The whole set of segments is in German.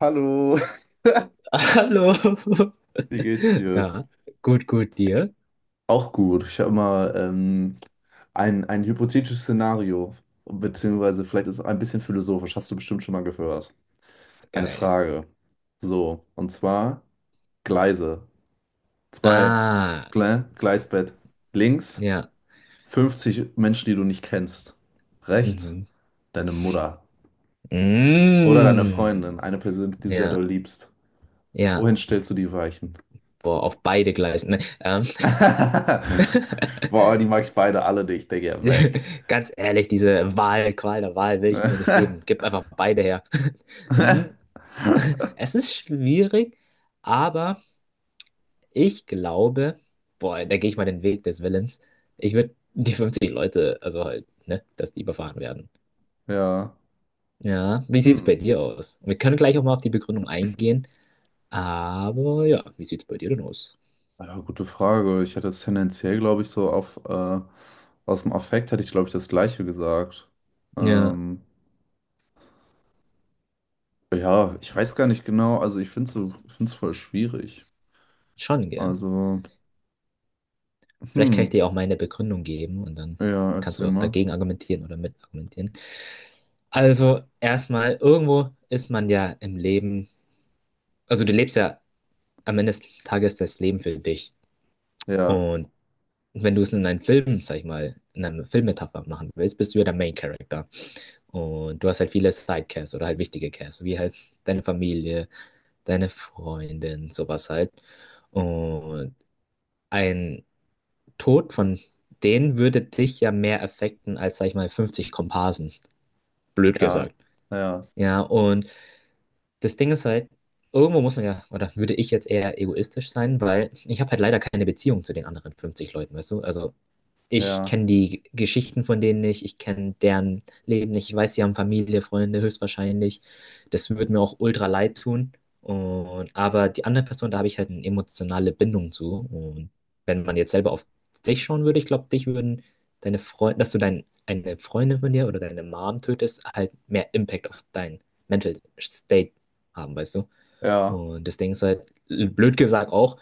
Hallo, Hallo. wie geht's dir? Ja, gut, gut, dir. Auch gut. Ich habe mal ein hypothetisches Szenario, beziehungsweise vielleicht ist es ein bisschen philosophisch, hast du bestimmt schon mal gehört. Eine Geil. Frage. So, und zwar Gleise. Zwei Ah, Gleisbett. Links ja. 50 Menschen, die du nicht kennst. Rechts Mhm. deine Mutter oder deine Mm. Freundin, eine Person, die du sehr doll Ja, liebst. ja. Wohin stellst du die Weichen? Boah, auf beide Gleisen ne? Boah, die mag ich beide alle nicht. Ich denke, ja, weg. Ganz ehrlich, diese Qual der Wahl will ich mir nicht geben. Gib einfach beide her. Mm. Es ist schwierig, aber ich glaube, boah, da gehe ich mal den Weg des Willens. Ich würde die 50 Leute, also halt, ne, dass die überfahren werden. Ja. Ja, wie sieht's bei Hm. dir aus? Wir können gleich auch mal auf die Begründung eingehen, aber ja, wie sieht's bei dir denn aus? Ja, gute Frage. Ich hätte es tendenziell, glaube ich, so auf aus dem Affekt hätte ich, glaube ich, das Gleiche gesagt. Ja, Ähm, ja, ich weiß gar nicht genau. Also ich finde es so, finde es voll schwierig. schon, gell? Also, Vielleicht kann ich hm. dir auch meine Begründung geben und dann Ja, kannst erzähl du auch mal. dagegen argumentieren oder mit argumentieren. Also, erstmal, irgendwo ist man ja im Leben, also du lebst ja am Ende des Tages das Leben für dich. Ja, Und wenn du es in einem Film, sag ich mal, in einer Filmmetapher machen willst, bist du ja der Main Character. Und du hast halt viele Sidecasts oder halt wichtige Casts, wie halt deine Familie, deine Freundin, sowas halt. Und ein Tod von denen würde dich ja mehr affekten als, sag ich mal, 50 Komparsen. Blöd ja, gesagt. ja, Ja, und das Ding ist halt, irgendwo muss man ja, oder würde ich jetzt eher egoistisch sein, weil ich habe halt leider keine Beziehung zu den anderen 50 Leuten, weißt du? Also ich ja, kenne die Geschichten von denen nicht, ich kenne deren Leben nicht, ich weiß, sie haben Familie, Freunde höchstwahrscheinlich. Das würde mir auch ultra leid tun. Und, aber die andere Person, da habe ich halt eine emotionale Bindung zu. Und wenn man jetzt selber auf dich schauen würde, ich glaube, dich würden deine Freunde, eine Freundin von dir oder deine Mom tötest, halt mehr Impact auf dein Mental State haben, weißt du? ja. Und das Ding ist halt, blöd gesagt auch,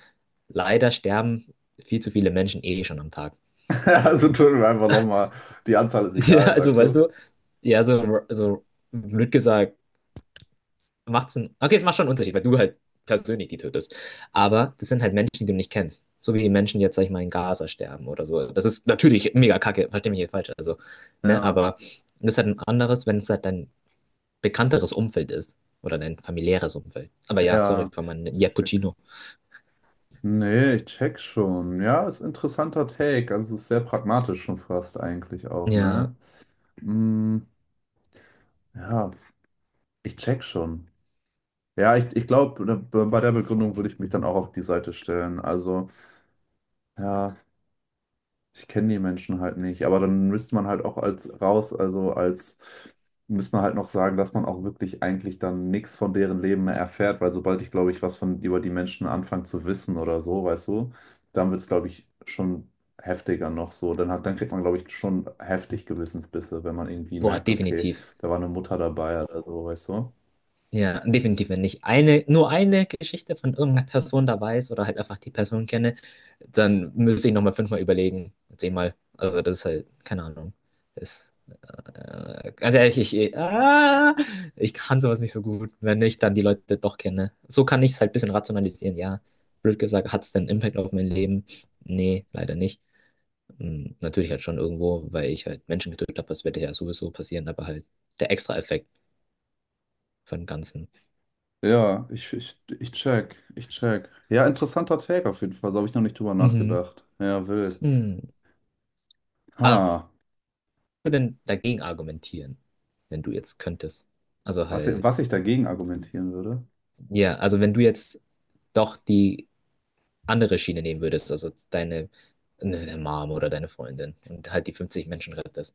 leider sterben viel zu viele Menschen eh schon am Tag. Also tun wir einfach nochmal. Die Anzahl ist egal, Ja, also sagst weißt du? du, ja, so, so blöd gesagt, macht's einen. Okay, es macht schon einen Unterschied, weil du halt persönlich die tötest. Aber das sind halt Menschen, die du nicht kennst. So wie die Menschen jetzt, sag ich mal, in Gaza sterben oder so. Das ist natürlich mega kacke, versteh mich nicht falsch. Also, ne, Ja, aber das ist halt ein anderes, wenn es halt dein bekannteres Umfeld ist. Oder dein familiäres Umfeld. Aber ja, sorry ja. für meinen Jappuccino. Nee, ich check schon. Ja, ist ein interessanter Take. Also ist sehr pragmatisch schon fast eigentlich auch, Ja, ne? Mm, ja, ich check schon. Ja, ich glaube, bei der Begründung würde ich mich dann auch auf die Seite stellen. Also, ja. Ich kenne die Menschen halt nicht, aber dann müsste man halt auch als raus, also als müsste man halt noch sagen, dass man auch wirklich eigentlich dann nichts von deren Leben mehr erfährt, weil sobald ich, glaube ich, was von über die Menschen anfange zu wissen oder so, weißt du, dann wird es, glaube ich, schon heftiger noch so. Dann hat, dann kriegt man, glaube ich, schon heftig Gewissensbisse, wenn man irgendwie boah, merkt, okay, definitiv. da war eine Mutter dabei oder so, weißt du? Ja, definitiv, wenn ich nur eine Geschichte von irgendeiner Person da weiß oder halt einfach die Person kenne, dann müsste ich nochmal 5-mal überlegen, 10-mal. Also das ist halt, keine Ahnung. Ist, ganz ehrlich, ich kann sowas nicht so gut, wenn ich dann die Leute doch kenne. So kann ich es halt ein bisschen rationalisieren, ja. Blöd gesagt, hat es denn Impact auf mein Leben? Nee, leider nicht. Hm, natürlich halt schon irgendwo, weil ich halt Menschen getötet habe, das wird ja sowieso passieren, aber halt der Extra-Effekt von dem Ganzen. Ja, ich check, ich check. Ja, interessanter Take auf jeden Fall, so habe ich noch nicht drüber Mhm. nachgedacht. Ja, wild. Hm. Aber Ha. was würdest du denn dagegen argumentieren, wenn du jetzt könntest? Also Was, halt, was ich dagegen argumentieren würde? ja, also wenn du jetzt doch die andere Schiene nehmen würdest, also deine, ne, deine Mom oder deine Freundin und halt die 50 Menschen rettest.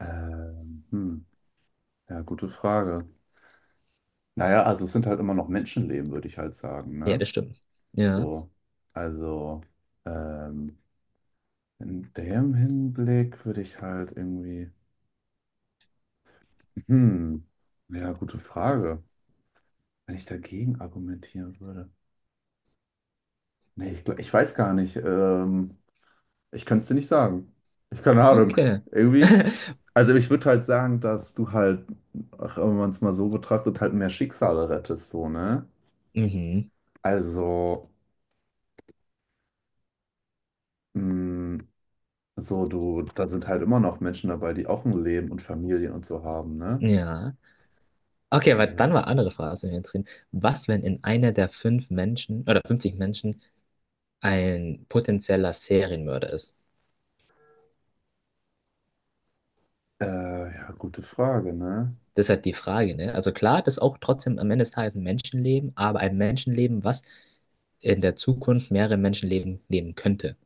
Ähm, hm, ja, gute Frage. Naja, also es sind halt immer noch Menschenleben, würde ich halt sagen, Ja, ne? das stimmt. Ja, So, also ähm, in dem Hinblick würde ich halt irgendwie, hm, ja, gute Frage. Wenn ich dagegen argumentieren würde. Ich weiß gar nicht. Ich kann es dir nicht sagen. Ich keine Ahnung. okay. Irgendwie. Also ich würde halt sagen, dass du halt, ach, wenn man es mal so betrachtet, halt mehr Schicksale rettest, so, ne? Mhm, Also, mh, so du, da sind halt immer noch Menschen dabei, die auch ein Leben und Familien und so haben, ne? ja. Okay, aber Äh, dann war andere Frage, was mich interessiert. Was, wenn in einer der 5 Menschen oder 50 Menschen ein potenzieller Serienmörder ist? Ja, gute Frage, ne? Das ist halt die Frage, ne? Also klar, das ist auch trotzdem am Ende des Tages ein Menschenleben, aber ein Menschenleben, was in der Zukunft mehrere Menschenleben nehmen könnte.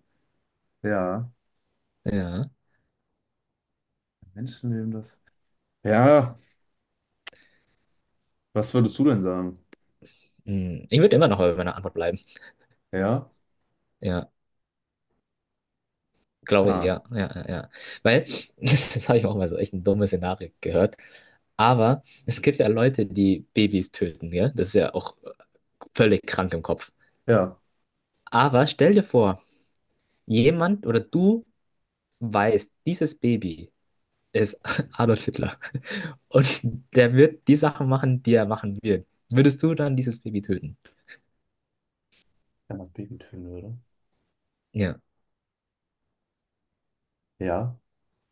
Ja, Ja. Menschenleben das. Ja, was würdest du denn sagen? Hm, ich würde immer noch bei meiner Antwort bleiben. Ja? Ja, glaube Ha, ich, ja. Ja, ja, ja. Weil, das habe ich auch mal so echt ein dummes Szenario gehört. Aber es gibt ja Leute, die Babys töten, ja? Das ist ja auch völlig krank im Kopf. ja. Aber stell dir vor, jemand oder du weißt, dieses Baby ist Adolf Hitler. Und der wird die Sachen machen, die er machen wird. Würdest du dann dieses Baby töten? Wenn das Baby töten würde. Ja. Ja,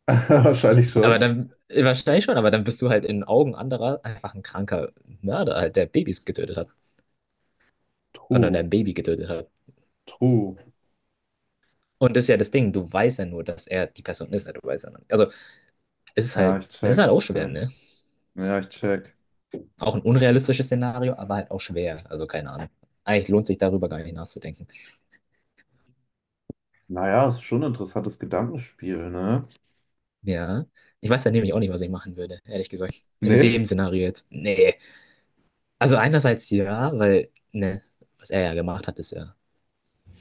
wahrscheinlich Aber schon. dann, wahrscheinlich schon, aber dann bist du halt in den Augen anderer einfach ein kranker Mörder, halt, der Babys getötet hat. Oder der True, ein Baby getötet hat. true. Und das ist ja das Ding, du weißt ja nur, dass er die Person ist, halt, du weißt ja noch nicht. Also, es ist Ja, halt, ich das ist check, halt ich auch schwer, check. ne? Ja, ich check. Auch ein unrealistisches Szenario, aber halt auch schwer. Also, keine Ahnung. Eigentlich lohnt sich darüber gar nicht nachzudenken. Naja, ist schon ein interessantes Gedankenspiel, ne? Ja. Ich weiß ja nämlich auch nicht, was ich machen würde, ehrlich gesagt. In Nee? dem Szenario jetzt. Nee. Also einerseits ja, weil, ne, was er ja gemacht hat, ist ja,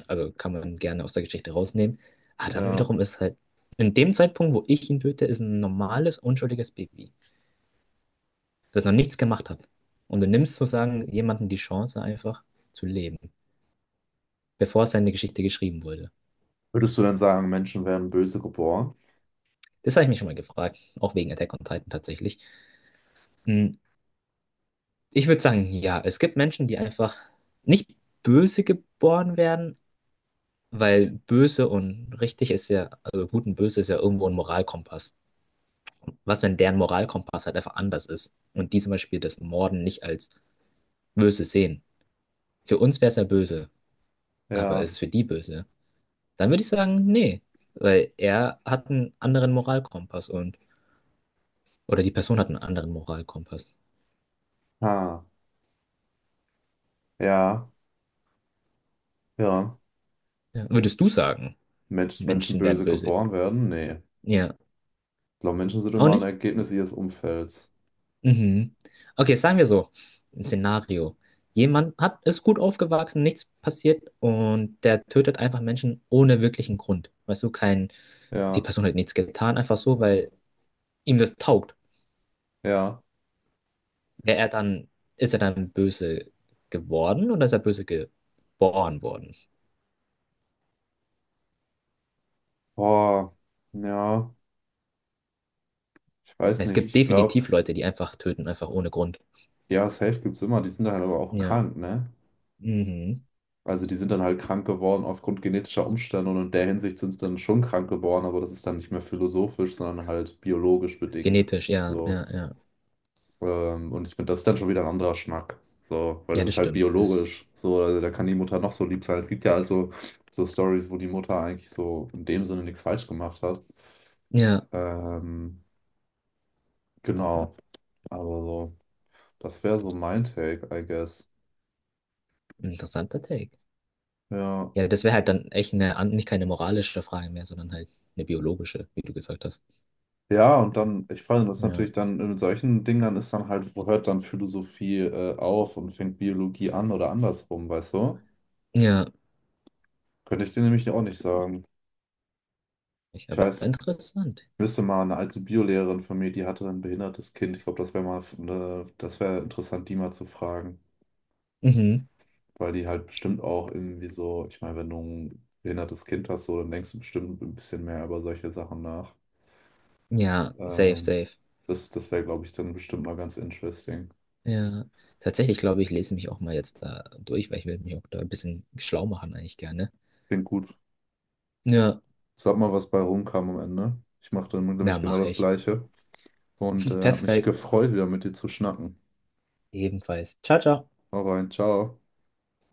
also kann man gerne aus der Geschichte rausnehmen. Aber dann Ja. wiederum ist halt, in dem Zeitpunkt, wo ich ihn töte, ist ein normales, unschuldiges Baby, das noch nichts gemacht hat. Und du nimmst sozusagen jemandem die Chance, einfach zu leben, bevor seine Geschichte geschrieben wurde. Würdest du denn sagen, Menschen werden böse geboren? Das habe ich mich schon mal gefragt, auch wegen Attack on Titan tatsächlich. Hm, ich würde sagen, ja, es gibt Menschen, die einfach nicht böse geboren werden, weil böse und richtig ist ja, also gut und böse ist ja irgendwo ein Moralkompass. Was, wenn deren Moralkompass halt einfach anders ist und die zum Beispiel das Morden nicht als böse sehen? Für uns wäre es ja böse, aber Ja. ist es für die böse? Dann würde ich sagen, nee, weil er hat einen anderen Moralkompass und, oder die Person hat einen anderen Moralkompass. Ha. Ja. Ja. Ja. Würdest du sagen, Mensch, Menschen Menschen werden böse böse? geboren werden? Nee. Ja. Ich glaube, Menschen sind Auch immer ein nicht? Ergebnis ihres Umfelds. Mhm. Okay, sagen wir so, ein Szenario. Jemand hat, ist gut aufgewachsen, nichts passiert und der tötet einfach Menschen ohne wirklichen Grund. Weißt du, kein, die Ja. Person hat nichts getan, einfach so, weil ihm das taugt. Ja. Wäre er dann, ist er dann böse geworden oder ist er böse geboren worden? Boah. Ja. Ich weiß Es nicht. gibt Ich glaube, definitiv Leute, die einfach töten, einfach ohne Grund. ja, safe gibt's immer. Die sind dann halt aber auch Ja, krank, ne? mhm. Also die sind dann halt krank geworden aufgrund genetischer Umstände und in der Hinsicht sind sie dann schon krank geworden, aber das ist dann nicht mehr philosophisch, sondern halt biologisch bedingt. Genetisch, ja, So. ja, ja. Und ich finde, das ist dann schon wieder ein anderer Schnack. So, weil Ja, das das ist halt stimmt. Das, biologisch. So, also da kann die Mutter noch so lieb sein. Es gibt ja also so Stories, wo die Mutter eigentlich so in dem Sinne nichts falsch gemacht hat. ja, Ähm, genau. Aber so, das wäre so mein Take, I guess. interessanter Take. Ja. Ja, das wäre halt dann echt eine, an- nicht keine moralische Frage mehr, sondern halt eine biologische, wie du gesagt hast. Ja, und dann, ich fand das Ja, natürlich dann mit solchen Dingern ist dann halt, wo hört dann Philosophie auf und fängt Biologie an oder andersrum, weißt du? ja, Könnte ich dir nämlich auch nicht sagen. ich, Ich aber weiß, interessant. wüsste mal, eine alte Biolehrerin von mir, die hatte ein behindertes Kind. Ich glaube, das wäre mal, eine, das wäre interessant, die mal zu fragen, Mhm. weil die halt bestimmt auch irgendwie so, ich meine, wenn du ein behindertes Kind hast, so, dann denkst du bestimmt ein bisschen mehr über solche Sachen nach. Ja, safe, Ähm, safe. das wäre, glaube ich, dann bestimmt mal ganz interesting. Ja, tatsächlich glaube ich, lese mich auch mal jetzt da durch, weil ich will mich auch da ein bisschen schlau machen eigentlich gerne. Klingt gut. Ja, Sag mal, was bei rumkam am Ende. Ich machte na, nämlich genau mache das ich. Gleiche und hat mich Perfekt. gefreut, wieder mit dir zu schnacken. Ebenfalls. Ciao, ciao. Hau rein, ciao.